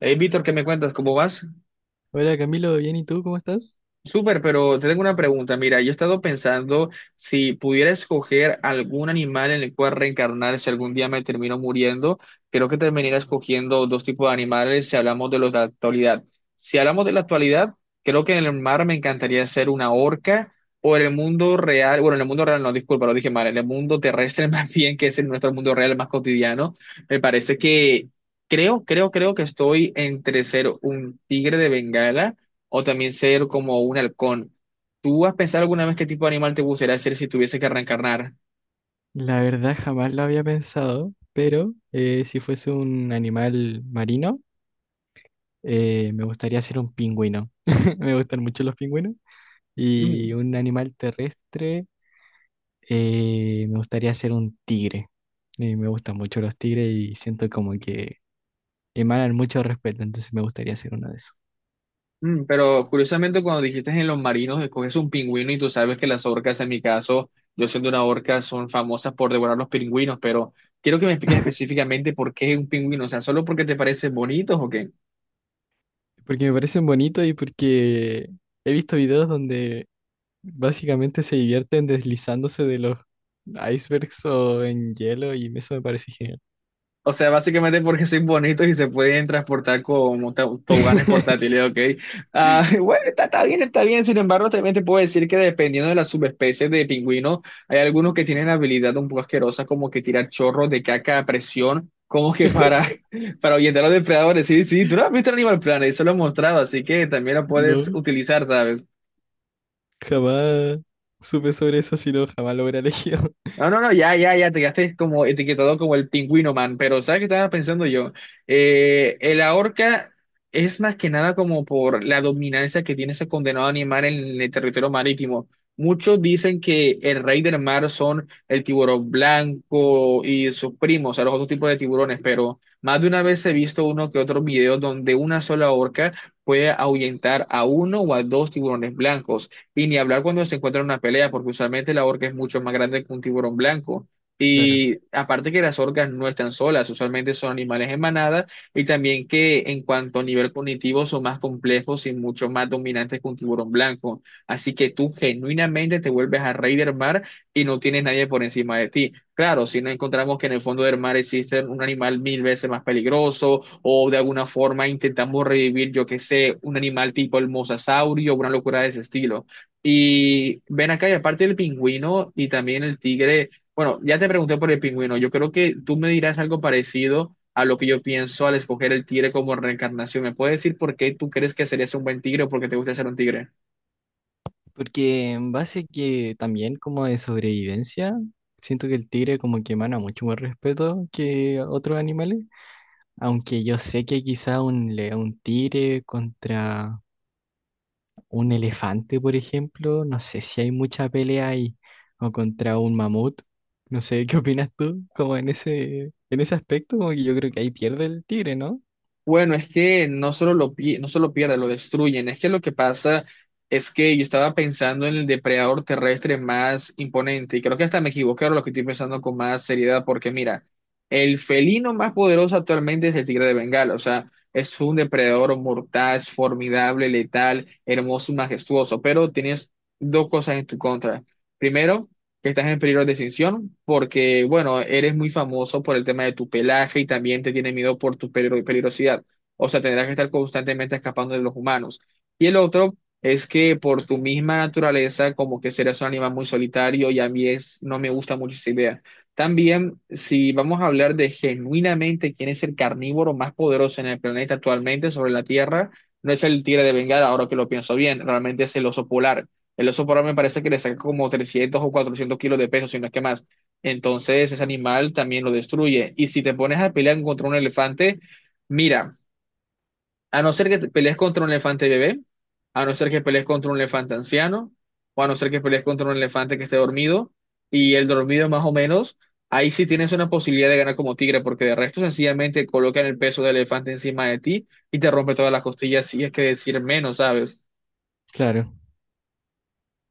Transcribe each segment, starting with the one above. Hey, Víctor, ¿qué me cuentas? ¿Cómo vas? Hola Camilo, bien, ¿y tú cómo estás? Súper, pero te tengo una pregunta. Mira, yo he estado pensando si pudiera escoger algún animal en el cual reencarnar si algún día me termino muriendo, creo que terminaría escogiendo dos tipos de animales si hablamos de los de la actualidad. Si hablamos de la actualidad, creo que en el mar me encantaría ser una orca o en el mundo real, bueno, en el mundo real no, disculpa, lo dije mal, en el mundo terrestre más bien, que es en nuestro mundo real más cotidiano, me parece que creo que estoy entre ser un tigre de Bengala o también ser como un halcón. ¿Tú has pensado alguna vez qué tipo de animal te gustaría ser si tuviese que reencarnar? La verdad jamás lo había pensado, pero si fuese un animal marino, me gustaría ser un pingüino. Me gustan mucho los pingüinos. Y Mm, un animal terrestre, me gustaría ser un tigre. Me gustan mucho los tigres y siento como que emanan mucho respeto, entonces me gustaría ser uno de esos. pero curiosamente cuando dijiste en los marinos, escoges un pingüino y tú sabes que las orcas, en mi caso, yo siendo una orca, son famosas por devorar los pingüinos, pero quiero que me expliques específicamente por qué un pingüino, o sea, ¿solo porque te parecen bonitos o qué? Porque me parecen bonitos y porque he visto videos donde básicamente se divierten deslizándose de los icebergs o en hielo y eso me parece genial. O sea, básicamente porque son bonitos y se pueden transportar como toboganes portátiles, ¿ok? Ah, bueno, está bien, está bien. Sin embargo, también te puedo decir que dependiendo de las subespecies de pingüino, hay algunos que tienen habilidad un poco asquerosa, como que tirar chorros de caca a presión, como que para, para ahuyentar a los depredadores. Sí, sí, tú no has visto el Animal Planet, eso lo he mostrado, así que también lo puedes No, utilizar, ¿sabes? jamás supe sobre eso, sino jamás lo hubiera elegido. No, no, no, ya, ya, ya, te quedaste como etiquetado como el pingüino man, pero ¿sabes qué estaba pensando yo? La orca es más que nada como por la dominancia que tiene ese condenado animal en el territorio marítimo. Muchos dicen que el rey del mar son el tiburón blanco y sus primos, o sea, los otros tipos de tiburones, pero más de una vez he visto uno que otro video donde una sola orca puede ahuyentar a uno o a dos tiburones blancos. Y ni hablar cuando se encuentra en una pelea, porque usualmente la orca es mucho más grande que un tiburón blanco. Claro. Y aparte que las orcas no están solas, usualmente son animales en manada y también que en cuanto a nivel cognitivo son más complejos y mucho más dominantes que un tiburón blanco. Así que tú genuinamente te vuelves a rey del mar y no tienes nadie por encima de ti. Claro, si no encontramos que en el fondo del mar existe un animal mil veces más peligroso o de alguna forma intentamos revivir, yo qué sé, un animal tipo el mosasaurio o una locura de ese estilo. Y ven acá, y aparte del pingüino y también el tigre, bueno, ya te pregunté por el pingüino, yo creo que tú me dirás algo parecido a lo que yo pienso al escoger el tigre como reencarnación. ¿Me puedes decir por qué tú crees que serías un buen tigre o por qué te gusta ser un tigre? Porque en base que también como de sobrevivencia, siento que el tigre como que emana mucho más respeto que otros animales. Aunque yo sé que quizá un, le- un tigre contra Un elefante, por ejemplo, no sé si hay mucha pelea ahí, o contra un mamut, no sé, ¿qué opinas tú? Como en ese aspecto, como que yo creo que ahí pierde el tigre, ¿no? Bueno, es que no solo no solo pierde, lo destruyen. Es que lo que pasa es que yo estaba pensando en el depredador terrestre más imponente y creo que hasta me equivoqué ahora lo que estoy pensando con más seriedad porque mira, el felino más poderoso actualmente es el tigre de Bengala. O sea, es un depredador mortal, es formidable, letal, hermoso y majestuoso, pero tienes dos cosas en tu contra. Primero, que estás en peligro de extinción porque, bueno, eres muy famoso por el tema de tu pelaje y también te tiene miedo por tu peligrosidad. O sea, tendrás que estar constantemente escapando de los humanos. Y el otro es que por tu misma naturaleza, como que serás un animal muy solitario y a mí es, no me gusta mucho esa idea. También, si vamos a hablar de genuinamente quién es el carnívoro más poderoso en el planeta actualmente sobre la Tierra, no es el tigre de Bengala, ahora que lo pienso bien, realmente es el oso polar. El oso polar me parece que le saca como 300 o 400 kilos de peso, si no es que más. Entonces, ese animal también lo destruye. Y si te pones a pelear contra un elefante, mira, a no ser que te pelees contra un elefante bebé, a no ser que pelees contra un elefante anciano, o a no ser que pelees contra un elefante que esté dormido, y el dormido más o menos, ahí sí tienes una posibilidad de ganar como tigre, porque de resto sencillamente colocan el peso del elefante encima de ti y te rompe todas las costillas, si es que decir menos, ¿sabes? Claro,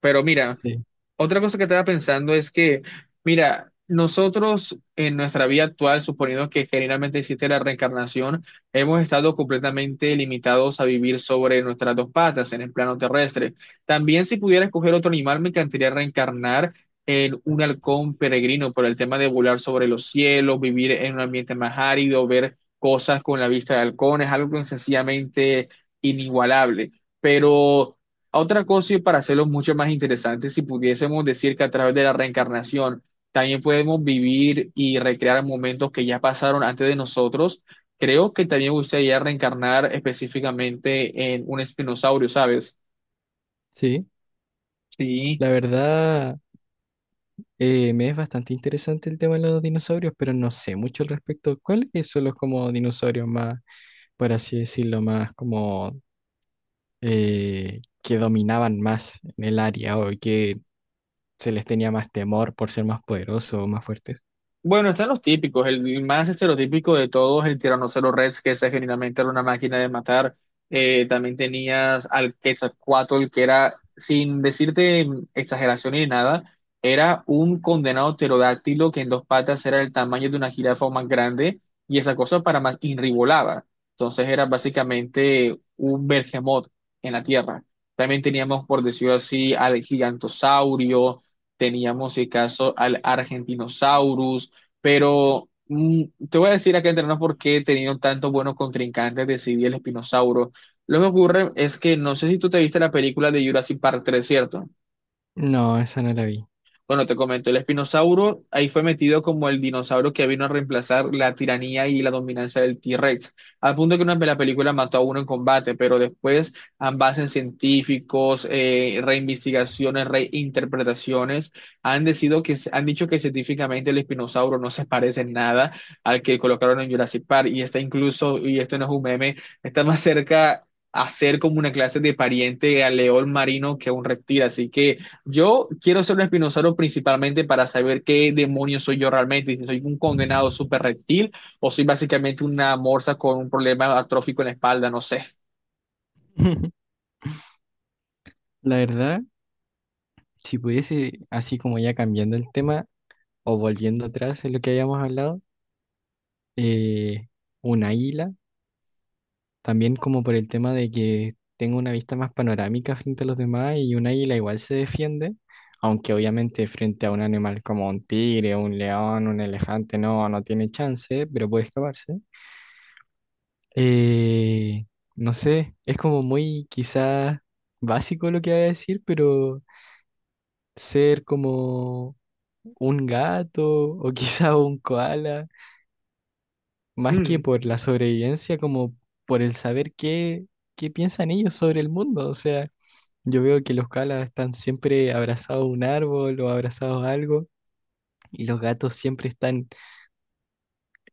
Pero mira, sí, otra cosa que estaba pensando es que, mira, nosotros en nuestra vida actual, suponiendo que generalmente existe la reencarnación, hemos estado completamente limitados a vivir sobre nuestras dos patas en el plano terrestre. También si pudiera escoger otro animal, me encantaría reencarnar en un halcón peregrino por el tema de volar sobre los cielos, vivir en un ambiente más árido, ver cosas con la vista de halcón, es algo sencillamente inigualable. Pero otra cosa, y para hacerlo mucho más interesante, si pudiésemos decir que a través de la reencarnación también podemos vivir y recrear momentos que ya pasaron antes de nosotros, creo que también me gustaría reencarnar específicamente en un espinosaurio, ¿sabes? sí. Sí, La verdad, me es bastante interesante el tema de los dinosaurios, pero no sé mucho al respecto. ¿Cuáles son los como dinosaurios más, por así decirlo, más como que dominaban más en el área o que se les tenía más temor por ser más poderosos o más fuertes? bueno, están los típicos. El más estereotípico de todos, el Tyrannosaurus Rex, que ese genuinamente era una máquina de matar. También tenías al Quetzalcóatl, que era, sin decirte exageración ni nada, era un condenado pterodáctilo que en dos patas era el tamaño de una jirafa o más grande, y esa cosa para más inribolaba. Entonces era básicamente un bergemot en la tierra. También teníamos, por decirlo así, al gigantosaurio, teníamos, si caso, al argentinosaurus pero mm, te voy a decir acá entre nos por qué he tenido tantos buenos contrincantes de Civil el Espinosauro. Lo que ocurre es que no sé si tú te viste la película de Jurassic Park 3, ¿cierto? No, esa no la vi. Bueno, te comento, el espinosauro ahí fue metido como el dinosaurio que vino a reemplazar la tiranía y la dominancia del T-Rex, al punto que una la película mató a uno en combate, pero después ambas en científicos, reinvestigaciones, reinterpretaciones, han dicho que científicamente el espinosauro no se parece en nada al que colocaron en Jurassic Park, y está incluso, y esto no es un meme, está más cerca... a ser como una clase de pariente al león marino que a un reptil, así que yo quiero ser un espinosaurio principalmente para saber qué demonio soy yo realmente, si soy un condenado súper reptil o soy básicamente una morsa con un problema atrófico en la espalda, no sé. La verdad, si pudiese, así como ya cambiando el tema o volviendo atrás en lo que habíamos hablado, eh, un águila, también como por el tema de que tengo una vista más panorámica frente a los demás y un águila igual se defiende, aunque obviamente frente a un animal como un tigre, un león, un elefante, no, no tiene chance, pero puede escaparse. Eh, no sé, es como muy quizás básico lo que voy a decir, pero ser como un gato o quizá un koala, más que Mm, por la sobrevivencia, como por el saber qué piensan ellos sobre el mundo. O sea, yo veo que los koalas están siempre abrazados a un árbol o abrazados a algo, y los gatos siempre están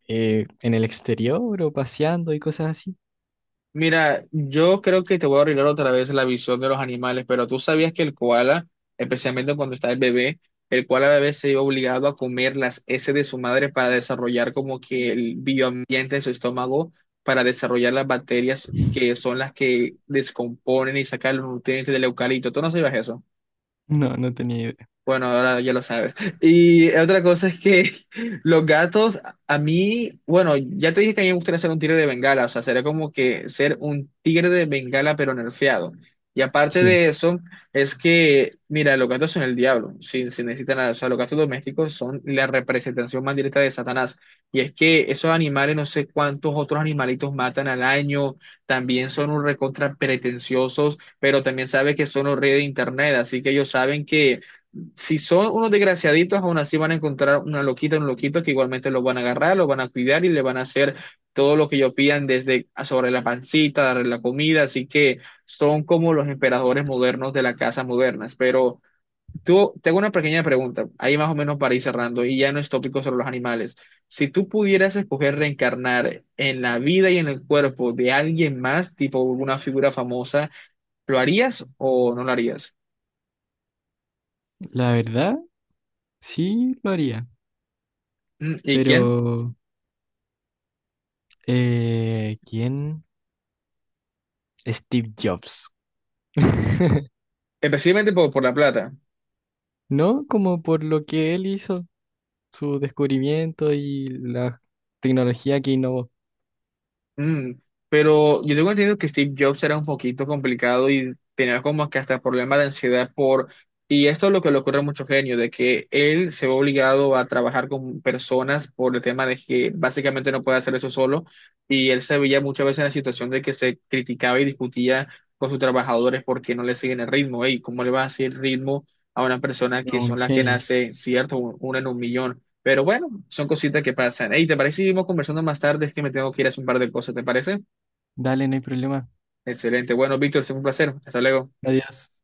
en el exterior o paseando y cosas así. Mira, yo creo que te voy a arreglar otra vez la visión de los animales, pero tú sabías que el koala, especialmente cuando está el bebé, el koala a veces se ve obligado a comer las heces de su madre para desarrollar como que el bioambiente en su estómago, para desarrollar las bacterias que son las que descomponen y sacan los nutrientes del eucalipto. ¿Tú no sabías eso? No, no tenía idea. Bueno, ahora ya lo sabes. Y otra cosa es que los gatos, a mí, bueno, ya te dije que a mí me gustaría ser un tigre de Bengala, o sea, sería como que ser un tigre de Bengala pero nerfeado. Y aparte Sí, de eso, es que, mira, los gatos son el diablo, sin necesitar nada. O sea, los gatos domésticos son la representación más directa de Satanás. Y es que esos animales, no sé cuántos otros animalitos matan al año, también son un recontra pretenciosos, pero también sabe que son los reyes de internet, así que ellos saben que si son unos desgraciaditos, aún así van a encontrar una loquita, un loquito que igualmente los van a agarrar, los van a cuidar y le van a hacer todo lo que ellos pidan desde sobre la pancita, darle la comida, así que son como los emperadores modernos de la casa modernas. Pero tú, tengo una pequeña pregunta, ahí más o menos para ir cerrando, y ya no es tópico sobre los animales. Si tú pudieras escoger reencarnar en la vida y en el cuerpo de alguien más, tipo una figura famosa, ¿lo harías o no lo harías? la verdad, sí lo haría, Mm, ¿y quién? pero ¿quién? Steve Jobs. Especialmente por la plata. No, como por lo que él hizo, su descubrimiento y la tecnología que innovó. Mm, pero yo tengo entendido que Steve Jobs era un poquito complicado y tenía como que hasta problemas de ansiedad por... Y esto es lo que le ocurre a muchos genios, de que él se ve obligado a trabajar con personas por el tema de que básicamente no puede hacer eso solo. Y él se veía muchas veces en la situación de que se criticaba y discutía con sus trabajadores porque no le siguen el ritmo. Ey, ¿cómo le va a hacer ritmo a una persona No, que un son las que genio. nace, cierto, una en un millón? Pero bueno. Son cositas que pasan. Hey, ¿te parece si seguimos conversando más tarde? Es que me tengo que ir a hacer un par de cosas, ¿te parece? Dale, no hay problema. Excelente. Bueno, Víctor, es un placer. Hasta luego. Adiós.